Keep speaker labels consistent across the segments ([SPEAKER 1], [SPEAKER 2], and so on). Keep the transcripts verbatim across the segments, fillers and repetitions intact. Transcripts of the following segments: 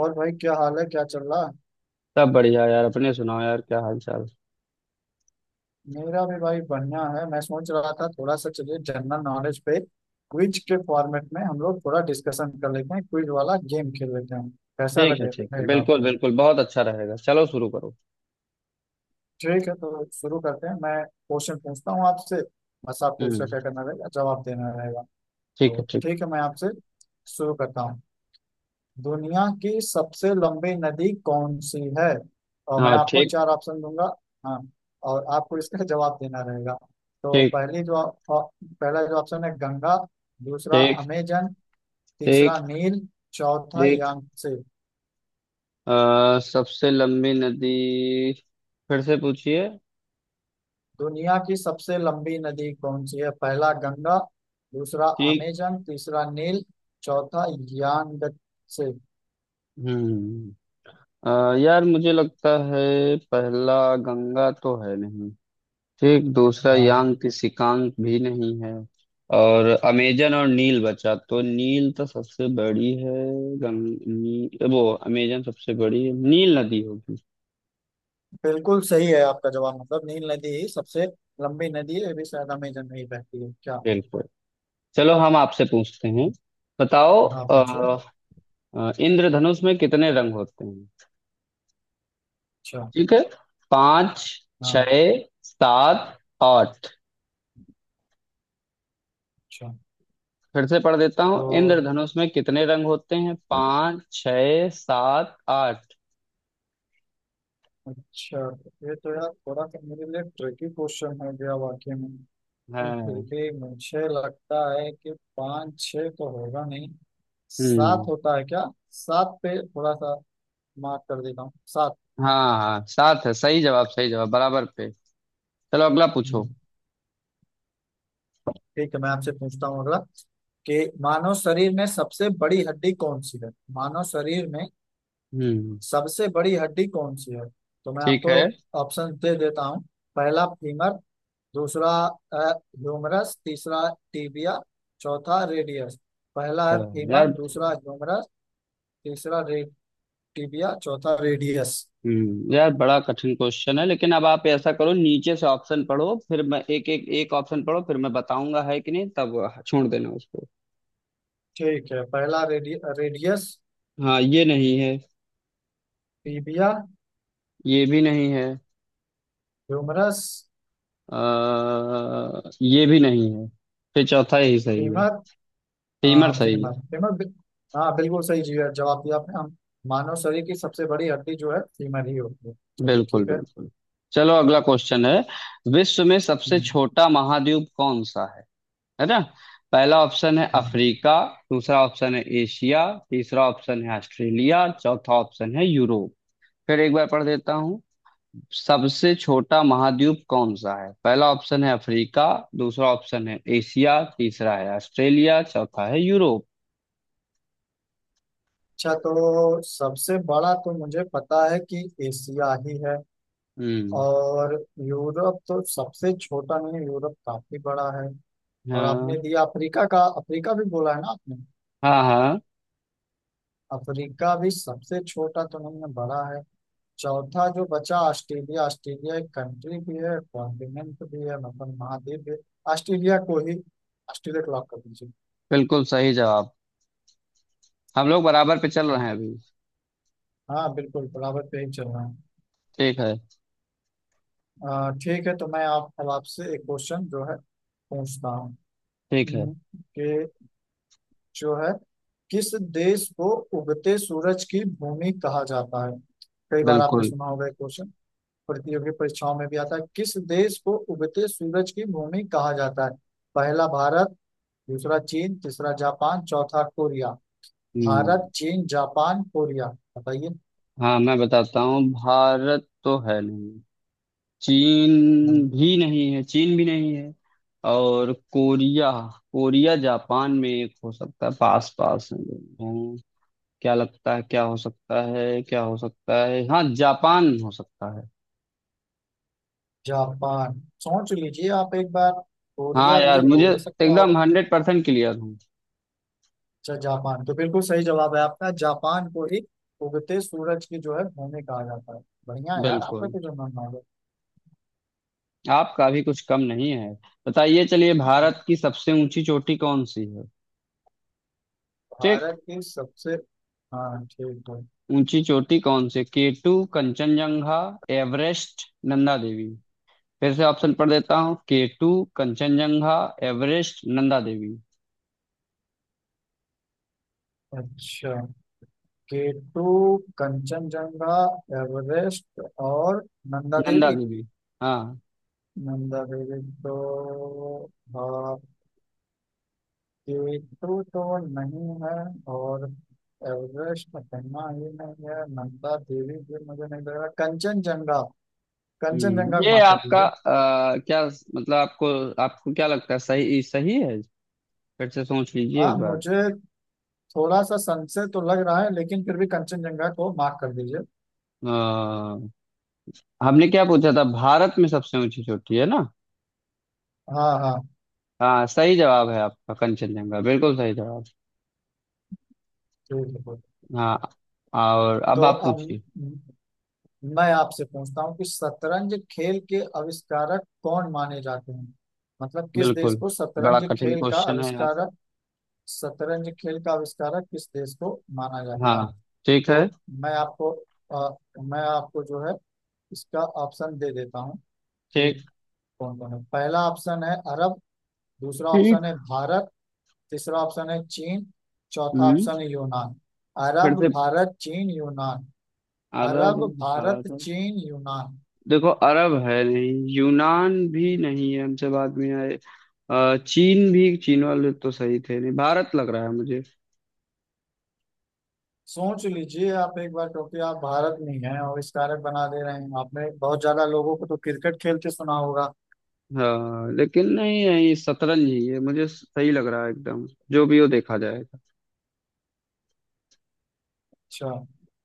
[SPEAKER 1] और भाई, क्या हाल है? क्या चल रहा?
[SPEAKER 2] सब बढ़िया यार। अपने सुनाओ यार, क्या हाल चाल?
[SPEAKER 1] मेरा भी भाई बढ़िया है। मैं सोच रहा था, थोड़ा सा चलिए जनरल नॉलेज पे क्विज के फॉर्मेट में हम लोग थोड़ा डिस्कशन कर लेते हैं, क्विज वाला गेम खेल लेते हैं। कैसा
[SPEAKER 2] ठीक है,
[SPEAKER 1] लगे
[SPEAKER 2] ठीक है,
[SPEAKER 1] रहेगा
[SPEAKER 2] बिल्कुल
[SPEAKER 1] आपको?
[SPEAKER 2] बिल्कुल बहुत अच्छा रहेगा। चलो शुरू करो।
[SPEAKER 1] ठीक है, तो शुरू करते हैं। मैं क्वेश्चन पूछता हूँ आपसे। बस आपको
[SPEAKER 2] हम्म।
[SPEAKER 1] उसका क्या करना रहेगा, जवाब देना रहेगा।
[SPEAKER 2] ठीक
[SPEAKER 1] तो
[SPEAKER 2] है। ठीक।
[SPEAKER 1] ठीक है, मैं आपसे शुरू करता हूँ। दुनिया की सबसे लंबी नदी कौन सी है? और मैं
[SPEAKER 2] हाँ,
[SPEAKER 1] आपको
[SPEAKER 2] ठीक।
[SPEAKER 1] चार ऑप्शन दूंगा। हाँ। और आपको इसका जवाब देना रहेगा। तो
[SPEAKER 2] ठीक।
[SPEAKER 1] पहली जो अ, पहला जो ऑप्शन है गंगा, दूसरा
[SPEAKER 2] ठीक।
[SPEAKER 1] अमेजन,
[SPEAKER 2] ठीक।
[SPEAKER 1] तीसरा नील, चौथा
[SPEAKER 2] ठीक।
[SPEAKER 1] यांगसे।
[SPEAKER 2] अ, सबसे लंबी नदी, फिर से पूछिए।
[SPEAKER 1] दुनिया की सबसे लंबी नदी कौन सी है? पहला गंगा, दूसरा
[SPEAKER 2] ठीक।
[SPEAKER 1] अमेजन, तीसरा नील, चौथा यांगसे।
[SPEAKER 2] हम्म अ, यार, मुझे लगता है पहला गंगा तो है नहीं। ठीक, दूसरा
[SPEAKER 1] हाँ,
[SPEAKER 2] यांग की सिकांग भी नहीं है। और अमेजन और नील बचा, तो नील तो सबसे बड़ी है। गंग नी, वो अमेजन सबसे बड़ी है, नील नदी होगी।
[SPEAKER 1] बिल्कुल सही है आपका जवाब। मतलब नील नदी ही सबसे लंबी नदी है। ये भी शायद अमेजन में ही बहती है क्या?
[SPEAKER 2] बिल्कुल। चलो, हम आपसे पूछते हैं। बताओ,
[SPEAKER 1] हाँ,
[SPEAKER 2] अ,
[SPEAKER 1] पूछो।
[SPEAKER 2] अ, इंद्रधनुष में कितने रंग होते हैं?
[SPEAKER 1] अच्छा।
[SPEAKER 2] ठीक है। पाँच,
[SPEAKER 1] हाँ।
[SPEAKER 2] छः, सात, आठ।
[SPEAKER 1] अच्छा।
[SPEAKER 2] फिर से पढ़ देता
[SPEAKER 1] तो
[SPEAKER 2] हूँ, इंद्रधनुष में कितने रंग होते हैं? पाँच, छः, सात, आठ।
[SPEAKER 1] अच्छा, ये तो यार थोड़ा सा मेरे लिए ट्रिकी क्वेश्चन हो गया वाकई में। लेकिन फिर
[SPEAKER 2] हैं।
[SPEAKER 1] भी मुझे लगता है कि पाँच छः तो होगा नहीं। सात
[SPEAKER 2] हम्म।
[SPEAKER 1] होता है क्या? सात पे थोड़ा सा मार्क कर देता हूँ, सात।
[SPEAKER 2] हाँ, हाँ, सात है। सही जवाब, सही जवाब, बराबर पे। चलो, अगला पूछो।
[SPEAKER 1] हम्म, ठीक है, मैं आपसे पूछता हूँ अगला, कि मानव शरीर में सबसे बड़ी हड्डी कौन सी है। मानव शरीर में
[SPEAKER 2] हम्म।
[SPEAKER 1] सबसे बड़ी हड्डी कौन सी है? तो मैं
[SPEAKER 2] ठीक
[SPEAKER 1] आपको
[SPEAKER 2] है।
[SPEAKER 1] ऑप्शन दे देता हूँ। पहला फीमर, दूसरा ह्यूमरस, तीसरा टीबिया, चौथा रेडियस। पहला है
[SPEAKER 2] तो
[SPEAKER 1] फीमर,
[SPEAKER 2] यार,
[SPEAKER 1] दूसरा ह्यूमरस, तीसरा रे, टीबिया, चौथा रेडियस।
[SPEAKER 2] हम्म यार, बड़ा कठिन क्वेश्चन है। लेकिन अब आप ऐसा करो, नीचे से ऑप्शन पढ़ो, फिर मैं एक एक एक ऑप्शन पढ़ो, फिर मैं बताऊंगा है कि नहीं, तब छोड़ देना उसको।
[SPEAKER 1] ठीक है, पहला रेडि, रेडियस।
[SPEAKER 2] हाँ, ये नहीं है।
[SPEAKER 1] टीबिया।
[SPEAKER 2] ये भी नहीं है।
[SPEAKER 1] ह्यूमरस।
[SPEAKER 2] आ, ये भी नहीं है। फिर चौथा यही सही है।
[SPEAKER 1] फीमर।
[SPEAKER 2] फीमर
[SPEAKER 1] हाँ,
[SPEAKER 2] सही है।
[SPEAKER 1] फीमर फीमर बि- हाँ, बिल्कुल सही जी है जवाब दिया आपने। हम मानव शरीर की सबसे बड़ी हड्डी जो है, फीमर ही होती है। चलिए
[SPEAKER 2] बिल्कुल
[SPEAKER 1] ठीक है।
[SPEAKER 2] बिल्कुल। चलो, अगला क्वेश्चन है। विश्व में सबसे
[SPEAKER 1] हम्म,
[SPEAKER 2] छोटा महाद्वीप कौन सा है? है ना? पहला ऑप्शन है
[SPEAKER 1] हम्म।
[SPEAKER 2] अफ्रीका। दूसरा ऑप्शन है एशिया। तीसरा ऑप्शन है ऑस्ट्रेलिया। चौथा ऑप्शन है यूरोप। फिर एक बार पढ़ देता हूँ, सबसे छोटा महाद्वीप कौन सा है? पहला ऑप्शन है अफ्रीका, दूसरा ऑप्शन है एशिया, तीसरा है ऑस्ट्रेलिया, चौथा है यूरोप।
[SPEAKER 1] अच्छा, तो सबसे बड़ा तो मुझे पता है कि एशिया ही है।
[SPEAKER 2] हम्म।
[SPEAKER 1] और यूरोप तो सबसे छोटा नहीं है, यूरोप काफी बड़ा है। और आपने
[SPEAKER 2] हाँ,
[SPEAKER 1] दिया अफ्रीका का, अफ्रीका भी बोला है ना आपने?
[SPEAKER 2] हाँ, हाँ,
[SPEAKER 1] अफ्रीका भी सबसे छोटा तो नहीं है, बड़ा है। चौथा जो बचा ऑस्ट्रेलिया। ऑस्ट्रेलिया एक कंट्री भी है, कॉन्टिनेंट भी है, मतलब महाद्वीप भी है। ऑस्ट्रेलिया को ही ऑस्ट्रेलिया को लॉक कर दीजिए।
[SPEAKER 2] बिल्कुल सही जवाब। हम लोग बराबर पे चल
[SPEAKER 1] अच्छा।
[SPEAKER 2] रहे हैं अभी।
[SPEAKER 1] हाँ, बिल्कुल बराबर पे ही चल रहा है।
[SPEAKER 2] ठीक है,
[SPEAKER 1] अ, ठीक है, तो मैं आप अब आपसे एक क्वेश्चन जो है पूछता हूँ।
[SPEAKER 2] ठीक है।
[SPEAKER 1] ये जो है, किस देश को उगते सूरज की भूमि कहा जाता है? कई बार आपने
[SPEAKER 2] बिल्कुल।
[SPEAKER 1] सुना होगा ये क्वेश्चन। प्रतियोगी परीक्षाओं में भी आता है। किस देश को उगते सूरज की भूमि कहा जाता है? पहला भारत, दूसरा चीन, तीसरा जापान, चौथा कोरिया। भारत,
[SPEAKER 2] हम्म।
[SPEAKER 1] चीन, जापान, कोरिया। बताइए।
[SPEAKER 2] हाँ, मैं बताता हूँ, भारत तो है नहीं।
[SPEAKER 1] नहीं,
[SPEAKER 2] चीन भी नहीं है, चीन भी नहीं है। और कोरिया, कोरिया जापान में एक हो सकता है, पास पास हैं दोनों। क्या लगता है, क्या हो सकता है, क्या हो सकता है? हाँ, जापान हो सकता है।
[SPEAKER 1] जापान सोच लीजिए आप एक बार।
[SPEAKER 2] हाँ
[SPEAKER 1] कोरिया
[SPEAKER 2] यार,
[SPEAKER 1] भी
[SPEAKER 2] मुझे
[SPEAKER 1] हो ही सकता
[SPEAKER 2] एकदम
[SPEAKER 1] होगा।
[SPEAKER 2] हंड्रेड परसेंट क्लियर हूँ।
[SPEAKER 1] अच्छा, जापान तो बिल्कुल सही जवाब है आपका। जापान को एक उगते सूरज की जो है भूमि कहा जाता है। बढ़िया यार, आपका
[SPEAKER 2] बिल्कुल।
[SPEAKER 1] तो जो नाम है।
[SPEAKER 2] आपका भी कुछ कम नहीं है। बताइए, चलिए, भारत की सबसे ऊंची चोटी कौन सी है? ठीक।
[SPEAKER 1] भारत की सबसे। हाँ, ठीक है।
[SPEAKER 2] ऊंची चोटी कौन सी? K two, Kanchenjunga, Everest, Nanda Devi. फिर से ऑप्शन पढ़ देता हूँ, केटू, कंचनजंगा, एवरेस्ट, नंदा देवी।
[SPEAKER 1] अच्छा, केटू, कंचनजंगा, एवरेस्ट और नंदा
[SPEAKER 2] नंदा
[SPEAKER 1] देवी।
[SPEAKER 2] देवी। हाँ।
[SPEAKER 1] नंदा देवी तो, हाँ, केटू तो नहीं है। और एवरेस्ट पन्ना ही नहीं है। नंदा देवी भी मुझे नहीं लग रहा। कंचनजंगा। कंचनजंगा,
[SPEAKER 2] हम्म ये
[SPEAKER 1] माफ कर
[SPEAKER 2] आपका,
[SPEAKER 1] दीजिए।
[SPEAKER 2] आ, क्या मतलब, आपको आपको क्या लगता है, सही सही है? फिर से सोच लीजिए
[SPEAKER 1] हाँ,
[SPEAKER 2] एक बार।
[SPEAKER 1] मुझे थोड़ा सा संशय तो लग रहा है, लेकिन फिर भी कंचनजंगा को मार्क कर दीजिए।
[SPEAKER 2] आ, हमने क्या पूछा था? भारत में सबसे ऊंची चोटी, है ना?
[SPEAKER 1] हाँ, हाँ।
[SPEAKER 2] हाँ, सही जवाब है आपका, कंचनजंगा, बिल्कुल सही जवाब।
[SPEAKER 1] ठीक है।
[SPEAKER 2] हाँ। और अब
[SPEAKER 1] तो
[SPEAKER 2] आप
[SPEAKER 1] अब
[SPEAKER 2] पूछिए।
[SPEAKER 1] मैं आपसे पूछता हूँ कि शतरंज खेल के आविष्कारक कौन माने जाते हैं। मतलब किस देश
[SPEAKER 2] बिल्कुल।
[SPEAKER 1] को
[SPEAKER 2] बड़ा
[SPEAKER 1] शतरंज
[SPEAKER 2] कठिन
[SPEAKER 1] खेल का
[SPEAKER 2] क्वेश्चन है यार।
[SPEAKER 1] आविष्कारक, शतरंज खेल का आविष्कारक किस देश को माना जाता
[SPEAKER 2] हाँ,
[SPEAKER 1] है?
[SPEAKER 2] ठीक है।
[SPEAKER 1] तो मैं आपको अ, मैं आपको जो है इसका ऑप्शन दे देता हूँ कि
[SPEAKER 2] ठीक।
[SPEAKER 1] कौन कौन है। पहला ऑप्शन है अरब, दूसरा ऑप्शन
[SPEAKER 2] ठीक।
[SPEAKER 1] है भारत, तीसरा ऑप्शन है चीन, चौथा
[SPEAKER 2] हम्म
[SPEAKER 1] ऑप्शन है यूनान।
[SPEAKER 2] फिर
[SPEAKER 1] अरब,
[SPEAKER 2] से,
[SPEAKER 1] भारत, चीन, यूनान।
[SPEAKER 2] अरब,
[SPEAKER 1] अरब, भारत,
[SPEAKER 2] भारत।
[SPEAKER 1] चीन, यूनान।
[SPEAKER 2] देखो, अरब है नहीं, यूनान भी नहीं है, हमसे बाद में आए। अ, चीन भी, चीन वाले तो सही थे नहीं, भारत लग रहा है मुझे।
[SPEAKER 1] सोच लीजिए आप एक बार, क्योंकि आप भारत में हैं और इस कारक बना दे रहे हैं आपने। बहुत ज्यादा लोगों को तो क्रिकेट खेलते सुना होगा।
[SPEAKER 2] हाँ, लेकिन नहीं नहीं, शतरंज ही है, मुझे सही लग रहा है एकदम। जो भी हो, देखा जाएगा।
[SPEAKER 1] अच्छा,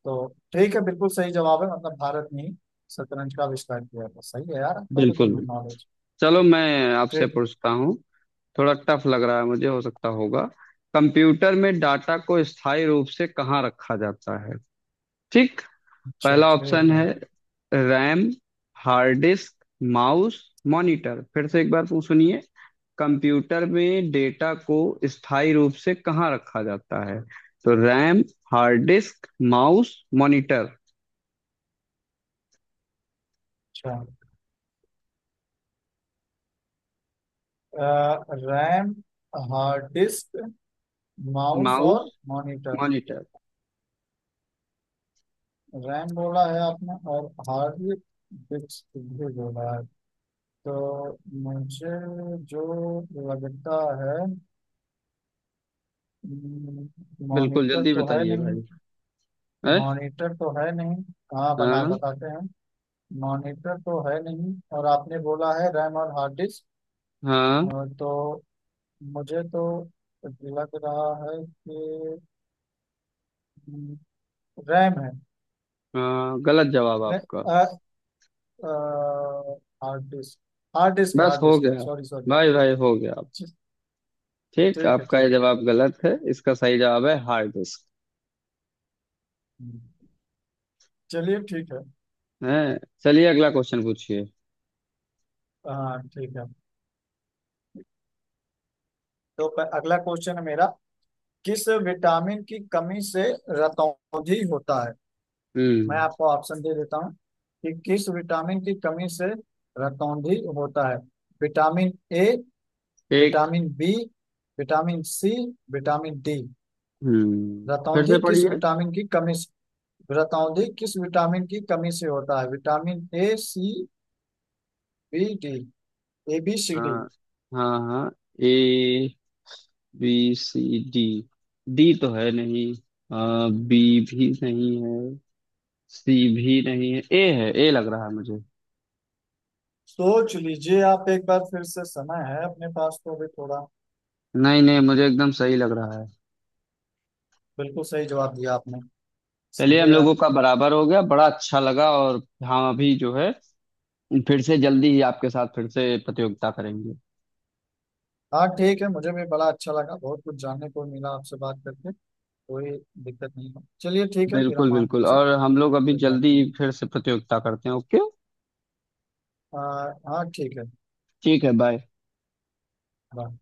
[SPEAKER 1] तो ठीक है, बिल्कुल सही जवाब है। मतलब भारत ने ही शतरंज का आविष्कार किया था। सही है यार, आपका तो
[SPEAKER 2] बिल्कुल
[SPEAKER 1] दोनों
[SPEAKER 2] बिल्कुल।
[SPEAKER 1] नॉलेज।
[SPEAKER 2] चलो, मैं आपसे
[SPEAKER 1] ठीक।
[SPEAKER 2] पूछता हूँ। थोड़ा टफ लग रहा है, मुझे हो सकता होगा। कंप्यूटर में डाटा को स्थायी रूप से कहाँ रखा जाता है? ठीक।
[SPEAKER 1] अच्छा,
[SPEAKER 2] पहला
[SPEAKER 1] ठीक
[SPEAKER 2] ऑप्शन
[SPEAKER 1] है।
[SPEAKER 2] है RAM, hard disk, mouse, monitor. फिर से एक बार पूछ सुनिए, कंप्यूटर में डेटा को स्थायी रूप से कहाँ रखा जाता है? तो RAM, hard disk, mouse, monitor.
[SPEAKER 1] अच्छा, अ, RAM, hard disk, mouse
[SPEAKER 2] mouse,
[SPEAKER 1] और मॉनिटर।
[SPEAKER 2] मॉनिटर।
[SPEAKER 1] रैम बोला है आपने, और हार्ड डिस्क भी बोला है। तो मुझे जो लगता है, हम्म,
[SPEAKER 2] बिल्कुल,
[SPEAKER 1] मॉनिटर
[SPEAKER 2] जल्दी
[SPEAKER 1] तो है
[SPEAKER 2] बताइए
[SPEAKER 1] नहीं।
[SPEAKER 2] भाई। है।
[SPEAKER 1] मॉनिटर तो है नहीं। हाँ, बना
[SPEAKER 2] हाँ,
[SPEAKER 1] बताते हैं। मॉनिटर तो है नहीं, और आपने बोला है रैम और हार्ड डिस्क। अ,
[SPEAKER 2] हाँ।
[SPEAKER 1] तो मुझे तो लग रहा है कि हम्म, रैम है।
[SPEAKER 2] हाँ, गलत जवाब
[SPEAKER 1] नहीं,
[SPEAKER 2] आपका।
[SPEAKER 1] अ, अ, हार्ड डिस्क, हार्ड डिस्क,
[SPEAKER 2] बस
[SPEAKER 1] हार्ड
[SPEAKER 2] हो
[SPEAKER 1] डिस्क।
[SPEAKER 2] गया।
[SPEAKER 1] Sorry, sorry.
[SPEAKER 2] भाई भाई, हो गया। ठीक,
[SPEAKER 1] ठीक है,
[SPEAKER 2] आपका
[SPEAKER 1] ठीक
[SPEAKER 2] ये
[SPEAKER 1] है।
[SPEAKER 2] जवाब गलत है, इसका सही जवाब है हार्ड डिस्क।
[SPEAKER 1] चलिए ठीक है।
[SPEAKER 2] है। चलिए, अगला क्वेश्चन पूछिए।
[SPEAKER 1] हाँ, ठीक है। तो प- अगला क्वेश्चन है मेरा, किस विटामिन की कमी से रतौंधी होता है। मैं
[SPEAKER 2] हम्म।
[SPEAKER 1] आपको ऑप्शन दे देता हूँ कि किस विटामिन की कमी से रतौंधी होता है। विटामिन ए,
[SPEAKER 2] एक।
[SPEAKER 1] Vitamin B, vitamin C, vitamin D.
[SPEAKER 2] हम्म फिर
[SPEAKER 1] रतौंधी
[SPEAKER 2] से
[SPEAKER 1] किस
[SPEAKER 2] पढ़िए।
[SPEAKER 1] विटामिन की कमी से, रतौंधी किस विटामिन की कमी से होता है? Vitamin A, C, B, D. A, B, C,
[SPEAKER 2] आ,
[SPEAKER 1] डी।
[SPEAKER 2] हाँ, हाँ। A, B, C, D. D तो है नहीं। आ, बी भी नहीं है। सी भी नहीं है, ए है, ए लग रहा है मुझे।
[SPEAKER 1] सोच लीजिए आप एक बार फिर से, समय है अपने पास, तो अभी थोड़ा।
[SPEAKER 2] नहीं नहीं, मुझे एकदम सही लग रहा है।
[SPEAKER 1] बिल्कुल सही जवाब दिया आपने।
[SPEAKER 2] चलिए,
[SPEAKER 1] सही
[SPEAKER 2] हम
[SPEAKER 1] है यार।
[SPEAKER 2] लोगों का बराबर हो गया, बड़ा अच्छा लगा। और हम अभी जो है, फिर से जल्दी ही आपके साथ फिर से प्रतियोगिता करेंगे।
[SPEAKER 1] हाँ, ठीक है, मुझे भी बड़ा अच्छा लगा। बहुत कुछ जानने को मिला आपसे बात करके। कोई दिक्कत नहीं है, चलिए ठीक है, फिर
[SPEAKER 2] बिल्कुल
[SPEAKER 1] हम
[SPEAKER 2] बिल्कुल,
[SPEAKER 1] आपसे
[SPEAKER 2] और हम लोग अभी
[SPEAKER 1] फिर बात
[SPEAKER 2] जल्दी
[SPEAKER 1] करें।
[SPEAKER 2] ही फिर से प्रतियोगिता करते हैं, ओके।
[SPEAKER 1] आ, हाँ, ठीक है।
[SPEAKER 2] ठीक है, बाय।
[SPEAKER 1] बाय।